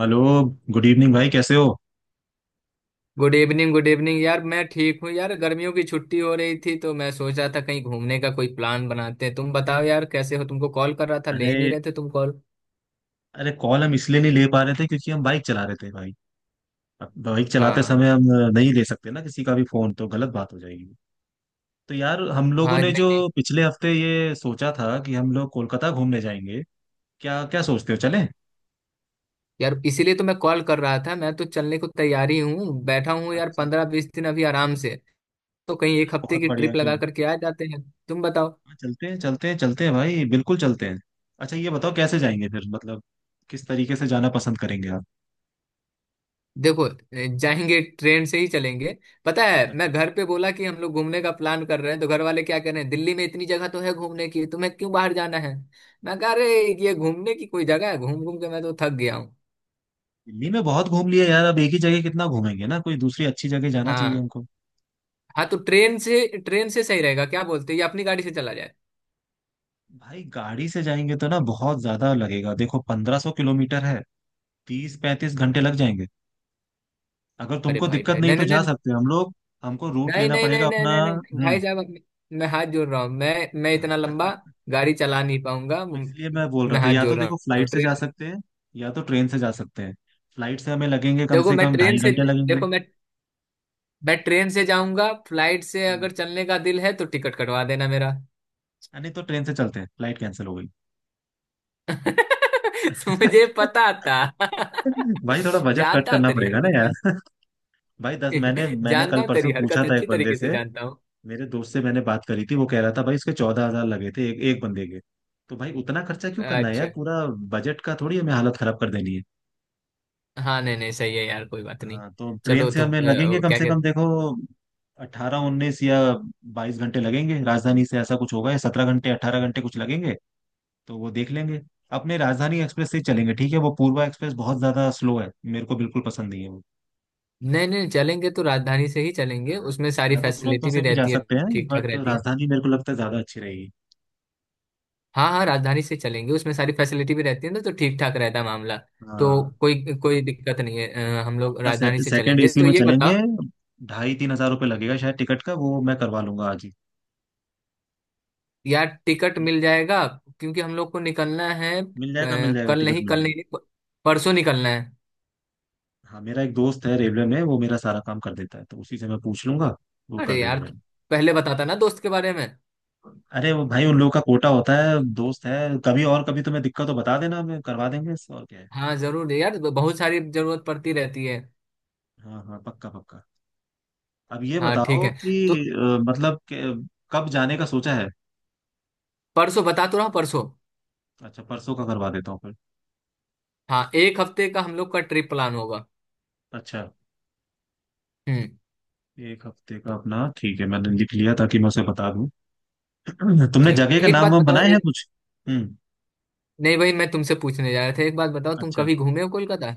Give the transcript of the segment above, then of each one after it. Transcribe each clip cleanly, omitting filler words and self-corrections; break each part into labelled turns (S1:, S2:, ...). S1: Hello. Good evening भाई, कैसे हो?
S2: गुड इवनिंग, गुड इवनिंग यार, मैं ठीक हूँ यार। गर्मियों की छुट्टी हो रही थी तो मैं सोच रहा था कहीं घूमने का कोई प्लान बनाते हैं। तुम बताओ यार, कैसे हो? तुमको कॉल कर रहा था, ले नहीं
S1: अरे
S2: रहे थे तुम कॉल।
S1: अरे कॉल हम इसलिए नहीं ले पा रहे थे क्योंकि हम बाइक चला रहे थे भाई। अब बाइक चलाते
S2: हाँ।
S1: समय हम नहीं ले सकते ना किसी का भी फोन, तो गलत बात हो जाएगी। तो यार हम लोगों
S2: हाँ,
S1: ने
S2: नहीं
S1: जो
S2: नहीं,
S1: पिछले हफ्ते ये सोचा था कि हम लोग कोलकाता घूमने जाएंगे, क्या क्या सोचते हो, चलें?
S2: यार इसीलिए तो मैं कॉल कर रहा था। मैं तो चलने को तैयारी हूँ, बैठा हूँ यार,
S1: अच्छा।
S2: 15-20 दिन अभी आराम से। तो कहीं
S1: अरे
S2: एक हफ्ते
S1: बहुत
S2: की
S1: बढ़िया
S2: ट्रिप लगा
S1: फिर।
S2: करके आ जाते हैं। तुम बताओ।
S1: हाँ, चलते हैं चलते हैं चलते हैं भाई, बिल्कुल चलते हैं। अच्छा ये बताओ कैसे जाएंगे फिर, मतलब किस तरीके से जाना पसंद करेंगे आप?
S2: देखो, जाएंगे ट्रेन से ही चलेंगे। पता है, मैं
S1: अच्छा।
S2: घर पे बोला कि हम लोग घूमने का प्लान कर रहे हैं, तो घर वाले क्या कह रहे हैं, दिल्ली में इतनी जगह तो है घूमने की, तुम्हें क्यों बाहर जाना है। मैं कह रहे ये घूमने की कोई जगह है? घूम घूम के मैं तो थक गया हूँ।
S1: दिल्ली में बहुत घूम लिया यार, अब एक ही जगह कितना घूमेंगे ना, कोई दूसरी अच्छी जगह जाना चाहिए
S2: हाँ।
S1: हमको।
S2: हाँ तो ट्रेन से, ट्रेन से सही रहेगा, क्या बोलते हैं, या अपनी गाड़ी से चला जाए?
S1: भाई गाड़ी से जाएंगे तो ना बहुत ज्यादा लगेगा, देखो 1500 किलोमीटर है। 30-35 घंटे लग जाएंगे। अगर
S2: अरे
S1: तुमको
S2: भाई
S1: दिक्कत
S2: भाई,
S1: नहीं
S2: नहीं
S1: तो
S2: नहीं
S1: जा
S2: नहीं
S1: सकते हैं हम लोग। हमको रूट
S2: नहीं
S1: लेना
S2: नहीं
S1: पड़ेगा
S2: नहीं नहीं
S1: अपना।
S2: नहीं नहीं,
S1: हम्म।
S2: भाई साहब, मैं हाथ जोड़ रहा हूँ। मैं इतना लंबा गाड़ी चला नहीं पाऊंगा।
S1: तो इसलिए मैं बोल रहा
S2: मैं
S1: था,
S2: हाथ
S1: या तो
S2: जोड़ रहा
S1: देखो फ्लाइट
S2: हूँ।
S1: से
S2: ट्रेन।
S1: जा सकते हैं या तो ट्रेन से जा सकते हैं। फ्लाइट से हमें लगेंगे कम
S2: देखो
S1: से
S2: मैं
S1: कम
S2: ट्रेन
S1: ढाई
S2: से,
S1: घंटे लगेंगे।
S2: देखो मैं ट्रेन से जाऊंगा। फ्लाइट से
S1: हम्म।
S2: अगर चलने का दिल है तो टिकट कटवा देना मेरा।
S1: नहीं तो ट्रेन से चलते हैं, फ्लाइट कैंसिल हो गई।
S2: मुझे पता था।
S1: भाई थोड़ा बजट कट
S2: जानता हूँ
S1: करना
S2: तेरी
S1: पड़ेगा ना
S2: हरकत।
S1: यार। भाई दस मैंने
S2: मैं
S1: मैंने
S2: जानता
S1: कल
S2: हूँ
S1: परसों
S2: तेरी
S1: पूछा
S2: हरकत,
S1: था एक
S2: अच्छी
S1: बंदे
S2: तरीके से
S1: से,
S2: जानता हूँ।
S1: मेरे दोस्त से मैंने बात करी थी, वो कह रहा था भाई इसके 14 हजार लगे थे एक एक बंदे के। तो भाई उतना खर्चा क्यों करना है
S2: अच्छा।
S1: यार, पूरा बजट का थोड़ी हमें हालत खराब कर देनी है।
S2: हाँ, नहीं नहीं, सही है यार, कोई बात नहीं।
S1: हाँ तो ट्रेन
S2: चलो
S1: से
S2: तो
S1: हमें लगेंगे कम
S2: क्या
S1: से कम
S2: कहते।
S1: देखो 18-19 या 22 घंटे लगेंगे राजधानी से, ऐसा कुछ होगा, या 17 घंटे 18 घंटे कुछ लगेंगे। तो वो देख लेंगे। अपने राजधानी एक्सप्रेस से ही चलेंगे, ठीक है। वो पूर्वा एक्सप्रेस बहुत ज्यादा स्लो है, मेरे को बिल्कुल पसंद नहीं है वो।
S2: नहीं नहीं, चलेंगे तो राजधानी से ही चलेंगे,
S1: हाँ।
S2: उसमें सारी
S1: या तो दुरंतो
S2: फैसिलिटी भी
S1: से भी जा
S2: रहती है।
S1: सकते हैं
S2: ठीक ठाक
S1: बट
S2: रहती है।
S1: राजधानी मेरे को लगता है ज्यादा अच्छी रहेगी।
S2: हाँ हाँ, राजधानी से चलेंगे, उसमें सारी फैसिलिटी भी रहती है ना, तो ठीक ठाक रहता है मामला। तो
S1: हाँ।
S2: कोई कोई दिक्कत नहीं है। हम लोग
S1: अपना
S2: राजधानी से
S1: सेकंड
S2: चलेंगे,
S1: एसी
S2: तो
S1: में
S2: ये
S1: चलेंगे।
S2: बताओ,
S1: 2.5-3 हजार रुपये लगेगा शायद टिकट का, वो मैं करवा लूंगा आज ही।
S2: यार टिकट मिल जाएगा? क्योंकि हम लोग को निकलना है।
S1: मिल जाएगा मिल जाएगा,
S2: कल
S1: टिकट
S2: नहीं,
S1: मिल
S2: कल
S1: जाएगा।
S2: नहीं, परसों निकलना है।
S1: हाँ, मेरा एक दोस्त है रेलवे में, वो मेरा सारा काम कर देता है, तो उसी से मैं पूछ लूंगा। वो कर
S2: अरे
S1: देगा
S2: यार तू
S1: मेरा।
S2: पहले बताता ना दोस्त के बारे में।
S1: अरे वो भाई उन लोगों का कोटा होता है, दोस्त है। कभी और कभी तुम्हें दिक्कत हो बता देना, मैं करवा देंगे इससे और क्या है।
S2: हाँ जरूर यार, बहुत सारी जरूरत पड़ती रहती है।
S1: हाँ हाँ, पक्का पक्का। अब ये
S2: हाँ ठीक
S1: बताओ
S2: है। तो
S1: कि मतलब कि, कब जाने का सोचा है?
S2: परसों बता तो रहा हूँ, परसों।
S1: अच्छा, परसों का करवा देता हूँ फिर।
S2: हाँ, एक हफ्ते का हम लोग का ट्रिप प्लान होगा।
S1: अच्छा।
S2: हम्म।
S1: एक हफ्ते का अपना, ठीक है, मैंने लिख लिया ताकि मैं उसे बता दूं। तुमने
S2: ठीक
S1: जगह
S2: है,
S1: का
S2: एक
S1: नाम
S2: बात
S1: वाम
S2: बताओ।
S1: बनाए हैं कुछ? हम्म।
S2: नहीं भाई, मैं तुमसे पूछने जा रहा था, एक बात बताओ, तुम
S1: अच्छा।
S2: कभी घूमे हो कोलकाता?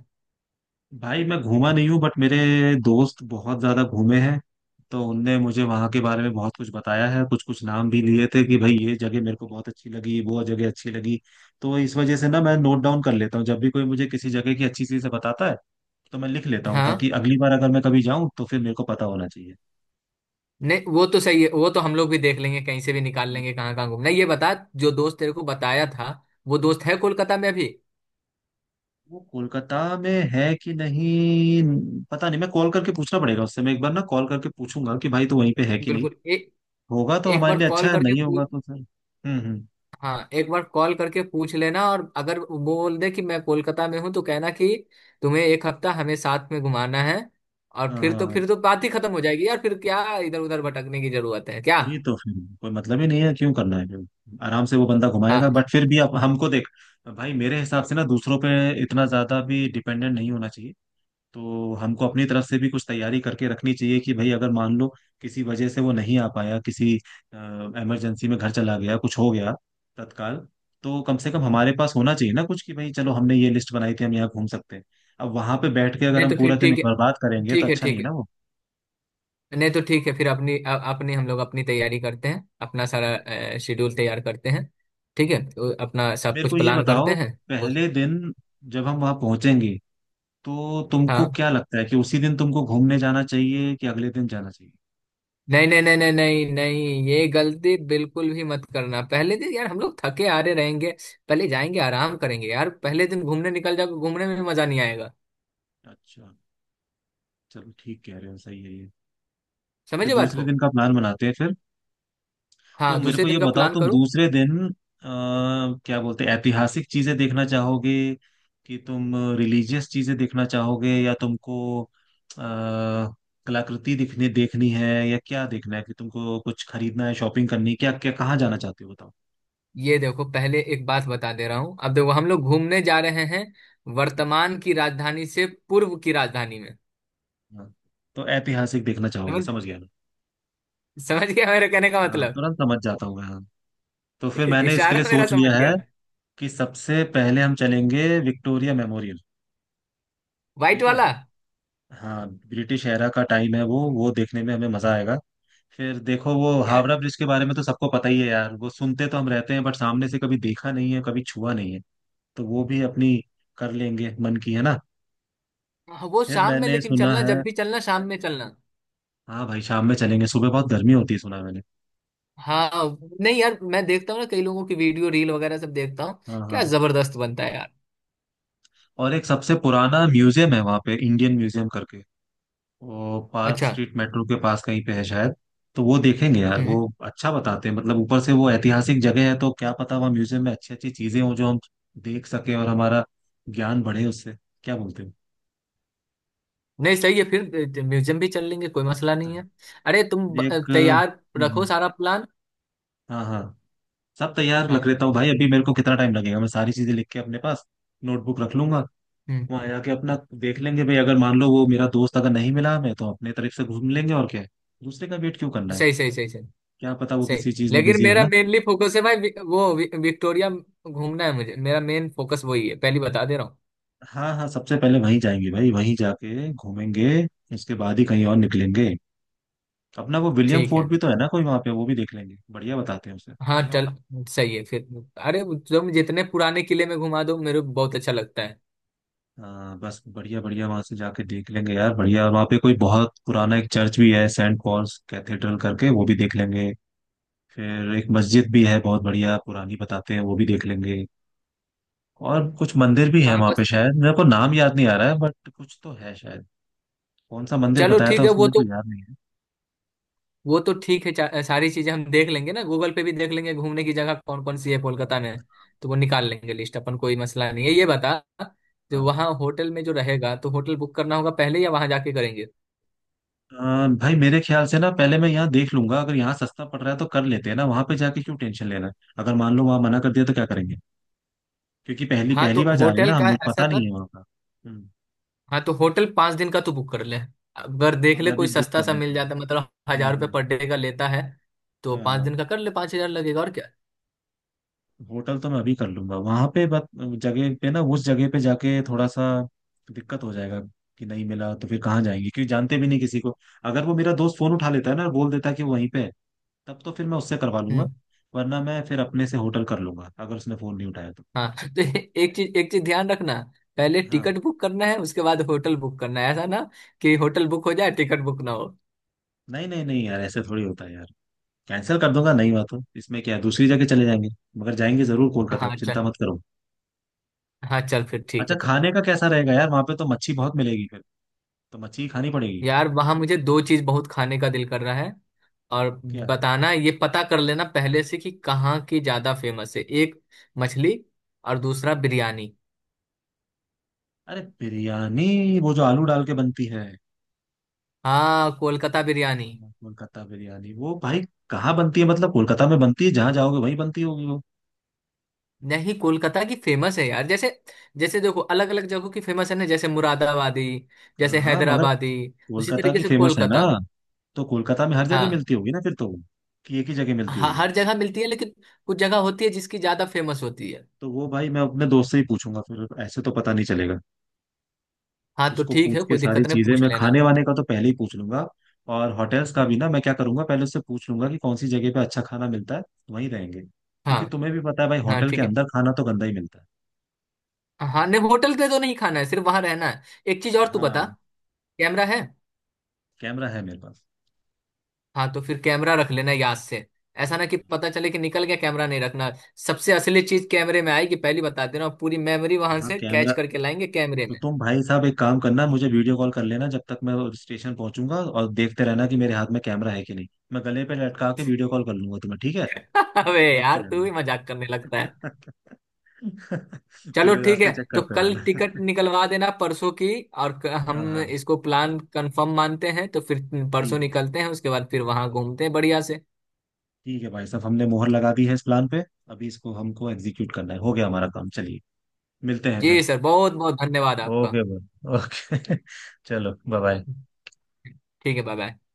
S1: भाई मैं घूमा नहीं हूँ बट मेरे दोस्त बहुत ज्यादा घूमे हैं। तो उनने मुझे वहां के बारे में बहुत कुछ बताया है, कुछ कुछ नाम भी लिए थे कि भाई ये जगह मेरे को बहुत अच्छी लगी, वो जगह अच्छी लगी। तो इस वजह से ना मैं नोट डाउन कर लेता हूँ जब भी कोई मुझे किसी जगह की अच्छी चीज से बताता है, तो मैं लिख लेता हूँ
S2: हाँ।
S1: ताकि अगली बार अगर मैं कभी जाऊँ तो फिर मेरे को पता होना चाहिए।
S2: नहीं, वो तो सही है, वो तो हम लोग भी देख लेंगे, कहीं से भी निकाल
S1: हम्म।
S2: लेंगे कहाँ कहाँ घूमना है। ये बता, जो दोस्त तेरे को बताया था, वो दोस्त है कोलकाता में अभी?
S1: वो कोलकाता में है कि नहीं, पता नहीं, मैं कॉल करके पूछना पड़ेगा उससे। मैं एक बार ना कॉल करके पूछूंगा कि भाई तो वहीं पे है कि नहीं।
S2: बिल्कुल, एक,
S1: होगा तो
S2: एक
S1: हमारे
S2: बार
S1: लिए अच्छा
S2: कॉल
S1: है,
S2: करके
S1: नहीं
S2: पूछ।
S1: होगा तो फिर हम्म।
S2: हाँ एक बार कॉल करके पूछ लेना, और अगर वो बोल दे कि मैं कोलकाता में हूँ तो कहना कि तुम्हें एक हफ्ता हमें साथ में घुमाना है। और
S1: हाँ
S2: फिर तो,
S1: हाँ,
S2: फिर तो बात ही खत्म हो जाएगी यार, फिर क्या इधर उधर भटकने की जरूरत है क्या?
S1: वही तो फिर कोई मतलब ही नहीं है क्यों करना है फिर, आराम से वो बंदा
S2: हाँ।
S1: घुमाएगा, बट फिर भी आप हमको देख। भाई मेरे हिसाब से ना दूसरों पे इतना ज्यादा भी डिपेंडेंट नहीं होना चाहिए। तो हमको अपनी तरफ से भी कुछ तैयारी करके रखनी चाहिए कि भाई अगर मान लो किसी वजह से वो नहीं आ पाया, किसी इमरजेंसी में घर चला गया, कुछ हो गया तत्काल, तो कम से कम हमारे पास होना चाहिए ना कुछ कि भाई चलो हमने ये लिस्ट बनाई थी हम यहाँ घूम सकते हैं। अब वहां पे बैठ के अगर
S2: नहीं
S1: हम
S2: तो
S1: पूरा
S2: फिर
S1: दिन
S2: ठीक है,
S1: बर्बाद करेंगे तो
S2: ठीक है
S1: अच्छा
S2: ठीक
S1: नहीं ना
S2: है।
S1: वो।
S2: नहीं तो ठीक है, फिर अपनी अपनी, हम लोग अपनी तैयारी करते हैं, अपना
S1: हाँ।
S2: सारा शेड्यूल तैयार करते हैं। ठीक है, तो अपना
S1: अच्छा
S2: सब
S1: मेरे को
S2: कुछ
S1: ये
S2: प्लान करते
S1: बताओ,
S2: हैं। तो
S1: पहले दिन जब हम वहां पहुंचेंगे तो तुमको
S2: हाँ,
S1: क्या लगता है कि उसी दिन तुमको घूमने जाना चाहिए कि अगले दिन जाना चाहिए?
S2: नहीं नहीं नहीं नहीं नहीं नहीं, ये गलती बिल्कुल भी मत करना, पहले दिन यार हम लोग थके हारे रहेंगे। पहले जाएंगे आराम करेंगे यार, पहले दिन घूमने निकल जाओगे, घूमने में भी मजा नहीं आएगा।
S1: अच्छा, चलो ठीक कह रहे हो, सही है ये। फिर
S2: समझे बात
S1: दूसरे
S2: को।
S1: दिन का प्लान बनाते हैं फिर। तो
S2: हाँ,
S1: मेरे
S2: दूसरे
S1: को ये
S2: दिन का
S1: बताओ,
S2: प्लान
S1: तुम
S2: करो।
S1: दूसरे दिन क्या बोलते हैं, ऐतिहासिक चीजें देखना चाहोगे कि तुम रिलीजियस चीजें देखना चाहोगे, या तुमको कलाकृति दिखने देखनी है, या क्या देखना है, कि तुमको कुछ खरीदना है, शॉपिंग करनी है, क्या क्या कहाँ जाना चाहते हो बताओ?
S2: ये देखो, पहले एक बात बता दे रहा हूँ, अब देखो, हम लोग घूमने जा रहे हैं
S1: हम्म।
S2: वर्तमान की राजधानी से पूर्व की राजधानी
S1: हाँ। तो ऐतिहासिक देखना चाहोगे,
S2: में।
S1: समझ गया ना।
S2: समझ गया मेरे कहने का
S1: हाँ
S2: मतलब?
S1: तुरंत समझ जाता हूँ मैं, हाँ। तो फिर मैंने इसके
S2: इशारा
S1: लिए
S2: मेरा
S1: सोच
S2: समझ
S1: लिया
S2: गया।
S1: है कि सबसे पहले हम चलेंगे विक्टोरिया मेमोरियल।
S2: व्हाइट
S1: ठीक है।
S2: वाला?
S1: हाँ ब्रिटिश एरा का टाइम है वो देखने में हमें मजा आएगा। फिर देखो वो
S2: यार,
S1: हावड़ा ब्रिज के बारे में तो सबको पता ही है यार, वो सुनते तो हम रहते हैं बट सामने से कभी देखा नहीं है, कभी छुआ नहीं है। तो वो भी अपनी कर लेंगे मन की, है ना।
S2: हाँ, वो
S1: फिर
S2: शाम में,
S1: मैंने
S2: लेकिन
S1: सुना
S2: चलना
S1: है,
S2: जब भी चलना शाम में चलना।
S1: हाँ भाई शाम में चलेंगे, सुबह बहुत गर्मी होती है सुना है मैंने।
S2: हाँ। नहीं यार, मैं देखता हूँ ना, कई लोगों की वीडियो रील वगैरह सब देखता हूँ।
S1: हाँ
S2: क्या
S1: हाँ।
S2: जबरदस्त बनता है यार।
S1: और एक सबसे पुराना म्यूजियम है वहाँ पे, इंडियन म्यूजियम करके। वो पार्क
S2: अच्छा।
S1: स्ट्रीट मेट्रो के पास कहीं पे है शायद। तो वो देखेंगे यार वो।
S2: हम्म।
S1: अच्छा बताते हैं, मतलब ऊपर से वो ऐतिहासिक जगह है तो क्या पता वहाँ म्यूजियम में अच्छी अच्छी चीजें हों जो हम देख सकें और हमारा ज्ञान बढ़े उससे। क्या बोलते हो?
S2: नहीं, सही है, फिर म्यूजियम भी चल लेंगे, कोई मसला नहीं
S1: हाँ।
S2: है। अरे तुम
S1: फिर एक,
S2: तैयार रखो
S1: हम्म,
S2: सारा प्लान।
S1: हाँ हाँ, सब तैयार
S2: हाँ।
S1: रख लेता हूँ भाई। अभी मेरे को कितना टाइम लगेगा, मैं सारी चीजें लिख के अपने पास नोटबुक रख लूंगा।
S2: हम्म।
S1: वहां जाके अपना देख लेंगे भाई, अगर मान लो वो मेरा दोस्त अगर नहीं मिला हमें तो अपने तरफ से घूम लेंगे और क्या है। दूसरे का वेट क्यों करना है।
S2: सही सही सही सही।
S1: क्या पता वो
S2: सही,
S1: किसी चीज में
S2: लेकिन
S1: बिजी हो
S2: मेरा
S1: ना।
S2: मेनली फोकस है भाई, विक्टोरिया घूमना है मुझे, मेरा मेन फोकस वही है, पहली बता दे रहा हूँ।
S1: हाँ हाँ, सबसे पहले वहीं जाएंगे भाई, वहीं जाके घूमेंगे, इसके बाद ही कहीं और निकलेंगे। अपना वो विलियम
S2: ठीक है।
S1: फोर्ट भी तो है ना कोई वहाँ पे, वो भी देख लेंगे, बढ़िया बताते हैं उसे।
S2: हाँ है ना। चल सही है फिर। अरे तुम जितने पुराने किले में घुमा दो मेरे को बहुत अच्छा लगता है।
S1: हाँ बस बढ़िया बढ़िया, वहाँ से जाके देख लेंगे यार बढ़िया। वहाँ पे कोई बहुत पुराना एक चर्च भी है, सेंट पॉल्स कैथेड्रल करके, वो भी देख लेंगे। फिर एक मस्जिद भी है बहुत बढ़िया पुरानी बताते हैं, वो भी देख लेंगे। और कुछ मंदिर भी है
S2: हाँ
S1: वहाँ पे
S2: बस।
S1: शायद, मेरे को नाम याद नहीं आ रहा है बट कुछ तो है शायद। कौन सा मंदिर
S2: चलो
S1: बताया था
S2: ठीक है
S1: उसने,
S2: वो
S1: मेरे को
S2: तो,
S1: याद नहीं है।
S2: वो तो ठीक है, सारी चीजें हम देख लेंगे ना, गूगल पे भी देख लेंगे घूमने की जगह कौन कौन सी है कोलकाता में। तो वो निकाल लेंगे लिस्ट अपन, कोई मसला नहीं है। ये बता, जो
S1: हाँ।
S2: वहाँ होटल में जो रहेगा, तो होटल बुक करना होगा पहले या वहाँ जाके करेंगे?
S1: भाई मेरे ख्याल से ना पहले मैं यहाँ देख लूंगा, अगर यहाँ सस्ता पड़ रहा है तो कर लेते हैं ना, वहां पे जाके क्यों टेंशन लेना है। अगर मान लो वहां मना कर दिया तो क्या करेंगे, क्योंकि पहली
S2: हाँ तो
S1: पहली बार जा रहे हैं
S2: होटल
S1: ना हम,
S2: का
S1: मुझे
S2: ऐसा
S1: पता नहीं
S2: कर।
S1: है वहां का। हम्म।
S2: हाँ तो होटल 5 दिन का तू बुक कर ले। अगर
S1: हाँ
S2: देख
S1: मैं
S2: ले
S1: अभी
S2: कोई
S1: बुक
S2: सस्ता
S1: कर
S2: सा
S1: लेता
S2: मिल
S1: हूँ।
S2: जाता, मतलब 1,000 रुपये पर
S1: हम्म।
S2: डे का लेता है, तो पाँच
S1: हाँ,
S2: दिन का कर ले, 5,000 लगेगा और क्या।
S1: होटल तो मैं अभी कर लूंगा वहां पे बस जगह पे ना, उस जगह पे जाके थोड़ा सा दिक्कत हो जाएगा कि नहीं मिला तो फिर कहाँ जाएंगे क्योंकि जानते भी नहीं किसी को। अगर वो मेरा दोस्त फोन उठा लेता है ना और बोल देता है कि वो वहीं पे है, तब तो फिर मैं उससे करवा लूंगा।
S2: हम्म।
S1: वरना मैं फिर अपने से होटल कर लूंगा, अगर उसने फोन नहीं उठाया तो।
S2: हाँ। तो एक चीज, एक चीज ध्यान रखना, पहले
S1: हाँ,
S2: टिकट बुक करना है, उसके बाद होटल बुक करना है, ऐसा ना कि होटल बुक हो जाए टिकट बुक ना हो।
S1: नहीं नहीं नहीं यार, ऐसे थोड़ी होता है यार। कैंसिल कर दूंगा, नहीं हुआ तो इसमें क्या है, दूसरी जगह चले जाएंगे। मगर जाएंगे जरूर कोलकाता,
S2: हाँ चल।
S1: चिंता मत करो।
S2: हाँ चल फिर ठीक
S1: अच्छा
S2: है तो।
S1: खाने का कैसा रहेगा यार, वहां पे तो मच्छी बहुत मिलेगी फिर, तो मच्छी ही खानी पड़ेगी।
S2: यार वहाँ मुझे दो चीज बहुत खाने का दिल कर रहा है, और
S1: क्या?
S2: बताना, ये पता कर लेना पहले से कि कहाँ की ज्यादा फेमस है। एक, मछली, और दूसरा, बिरयानी।
S1: अरे बिरयानी, वो जो आलू डाल के बनती है?
S2: हाँ, कोलकाता बिरयानी।
S1: हाँ, कोलकाता बिरयानी। वो भाई कहाँ बनती है, मतलब कोलकाता में बनती है, जहां जाओगे वहीं बनती होगी वो।
S2: नहीं, कोलकाता की फेमस है यार, जैसे, जैसे देखो अलग अलग जगहों की फेमस है ना, जैसे मुरादाबादी, जैसे
S1: हाँ हाँ मगर
S2: हैदराबादी, उसी
S1: कोलकाता
S2: तरीके
S1: की
S2: से
S1: फेमस है ना,
S2: कोलकाता।
S1: तो कोलकाता में हर जगह
S2: हाँ।
S1: मिलती होगी ना फिर तो वो, कि एक ही जगह मिलती होगी?
S2: हर जगह मिलती है, लेकिन कुछ जगह होती है जिसकी ज्यादा फेमस होती है।
S1: तो वो भाई मैं अपने दोस्त से ही पूछूंगा फिर, ऐसे तो पता नहीं चलेगा।
S2: हाँ तो
S1: उसको
S2: ठीक है,
S1: पूछ के
S2: कोई
S1: सारी
S2: दिक्कत नहीं,
S1: चीजें
S2: पूछ
S1: मैं,
S2: लेना।
S1: खाने वाने का तो पहले ही पूछ लूंगा, और होटल्स का भी ना। मैं क्या करूंगा पहले उससे पूछ लूंगा कि कौन सी जगह पे अच्छा खाना मिलता है, वहीं रहेंगे
S2: हाँ
S1: क्योंकि तुम्हें भी पता है भाई
S2: हाँ
S1: होटल के
S2: ठीक है।
S1: अंदर खाना तो गंदा ही मिलता
S2: हाँ नहीं, होटल पे तो नहीं खाना है, सिर्फ वहां रहना है। एक चीज और
S1: है।
S2: तू बता,
S1: हाँ।
S2: कैमरा है?
S1: कैमरा है मेरे पास।
S2: हाँ तो फिर कैमरा रख लेना याद से, ऐसा ना कि पता चले कि निकल गया, कैमरा नहीं रखना। सबसे असली चीज कैमरे में आएगी, पहली बता दे रहा हूँ, पूरी मेमोरी वहां
S1: हाँ
S2: से कैच
S1: कैमरा।
S2: करके लाएंगे कैमरे।
S1: तो तुम भाई साहब एक काम करना, मुझे वीडियो कॉल कर लेना जब तक मैं स्टेशन पहुंचूंगा, और देखते रहना कि मेरे हाथ में कैमरा है कि नहीं। मैं गले पे लटका के वीडियो कॉल कर लूंगा तुम्हें, ठीक है।
S2: अबे
S1: देखते
S2: यार तू
S1: रहना।
S2: भी मजाक करने लगता है। चलो
S1: पूरे
S2: ठीक है,
S1: रास्ते चेक
S2: तो
S1: करते
S2: कल
S1: रहना।
S2: टिकट निकलवा देना परसों की, और हम
S1: हाँ हाँ,
S2: इसको प्लान कंफर्म मानते हैं, तो फिर परसों
S1: ठीक है।
S2: निकलते हैं, उसके बाद फिर वहां घूमते हैं बढ़िया से।
S1: ठीक है भाई साहब, हमने मोहर लगा दी है इस प्लान पे। अभी इसको हमको एग्जीक्यूट करना है, हो गया हमारा काम, चलिए, मिलते हैं
S2: जी
S1: फिर।
S2: सर, बहुत बहुत धन्यवाद आपका।
S1: ओके भाई, ओके। चलो, बाय बाय।
S2: ठीक है, बाय बाय।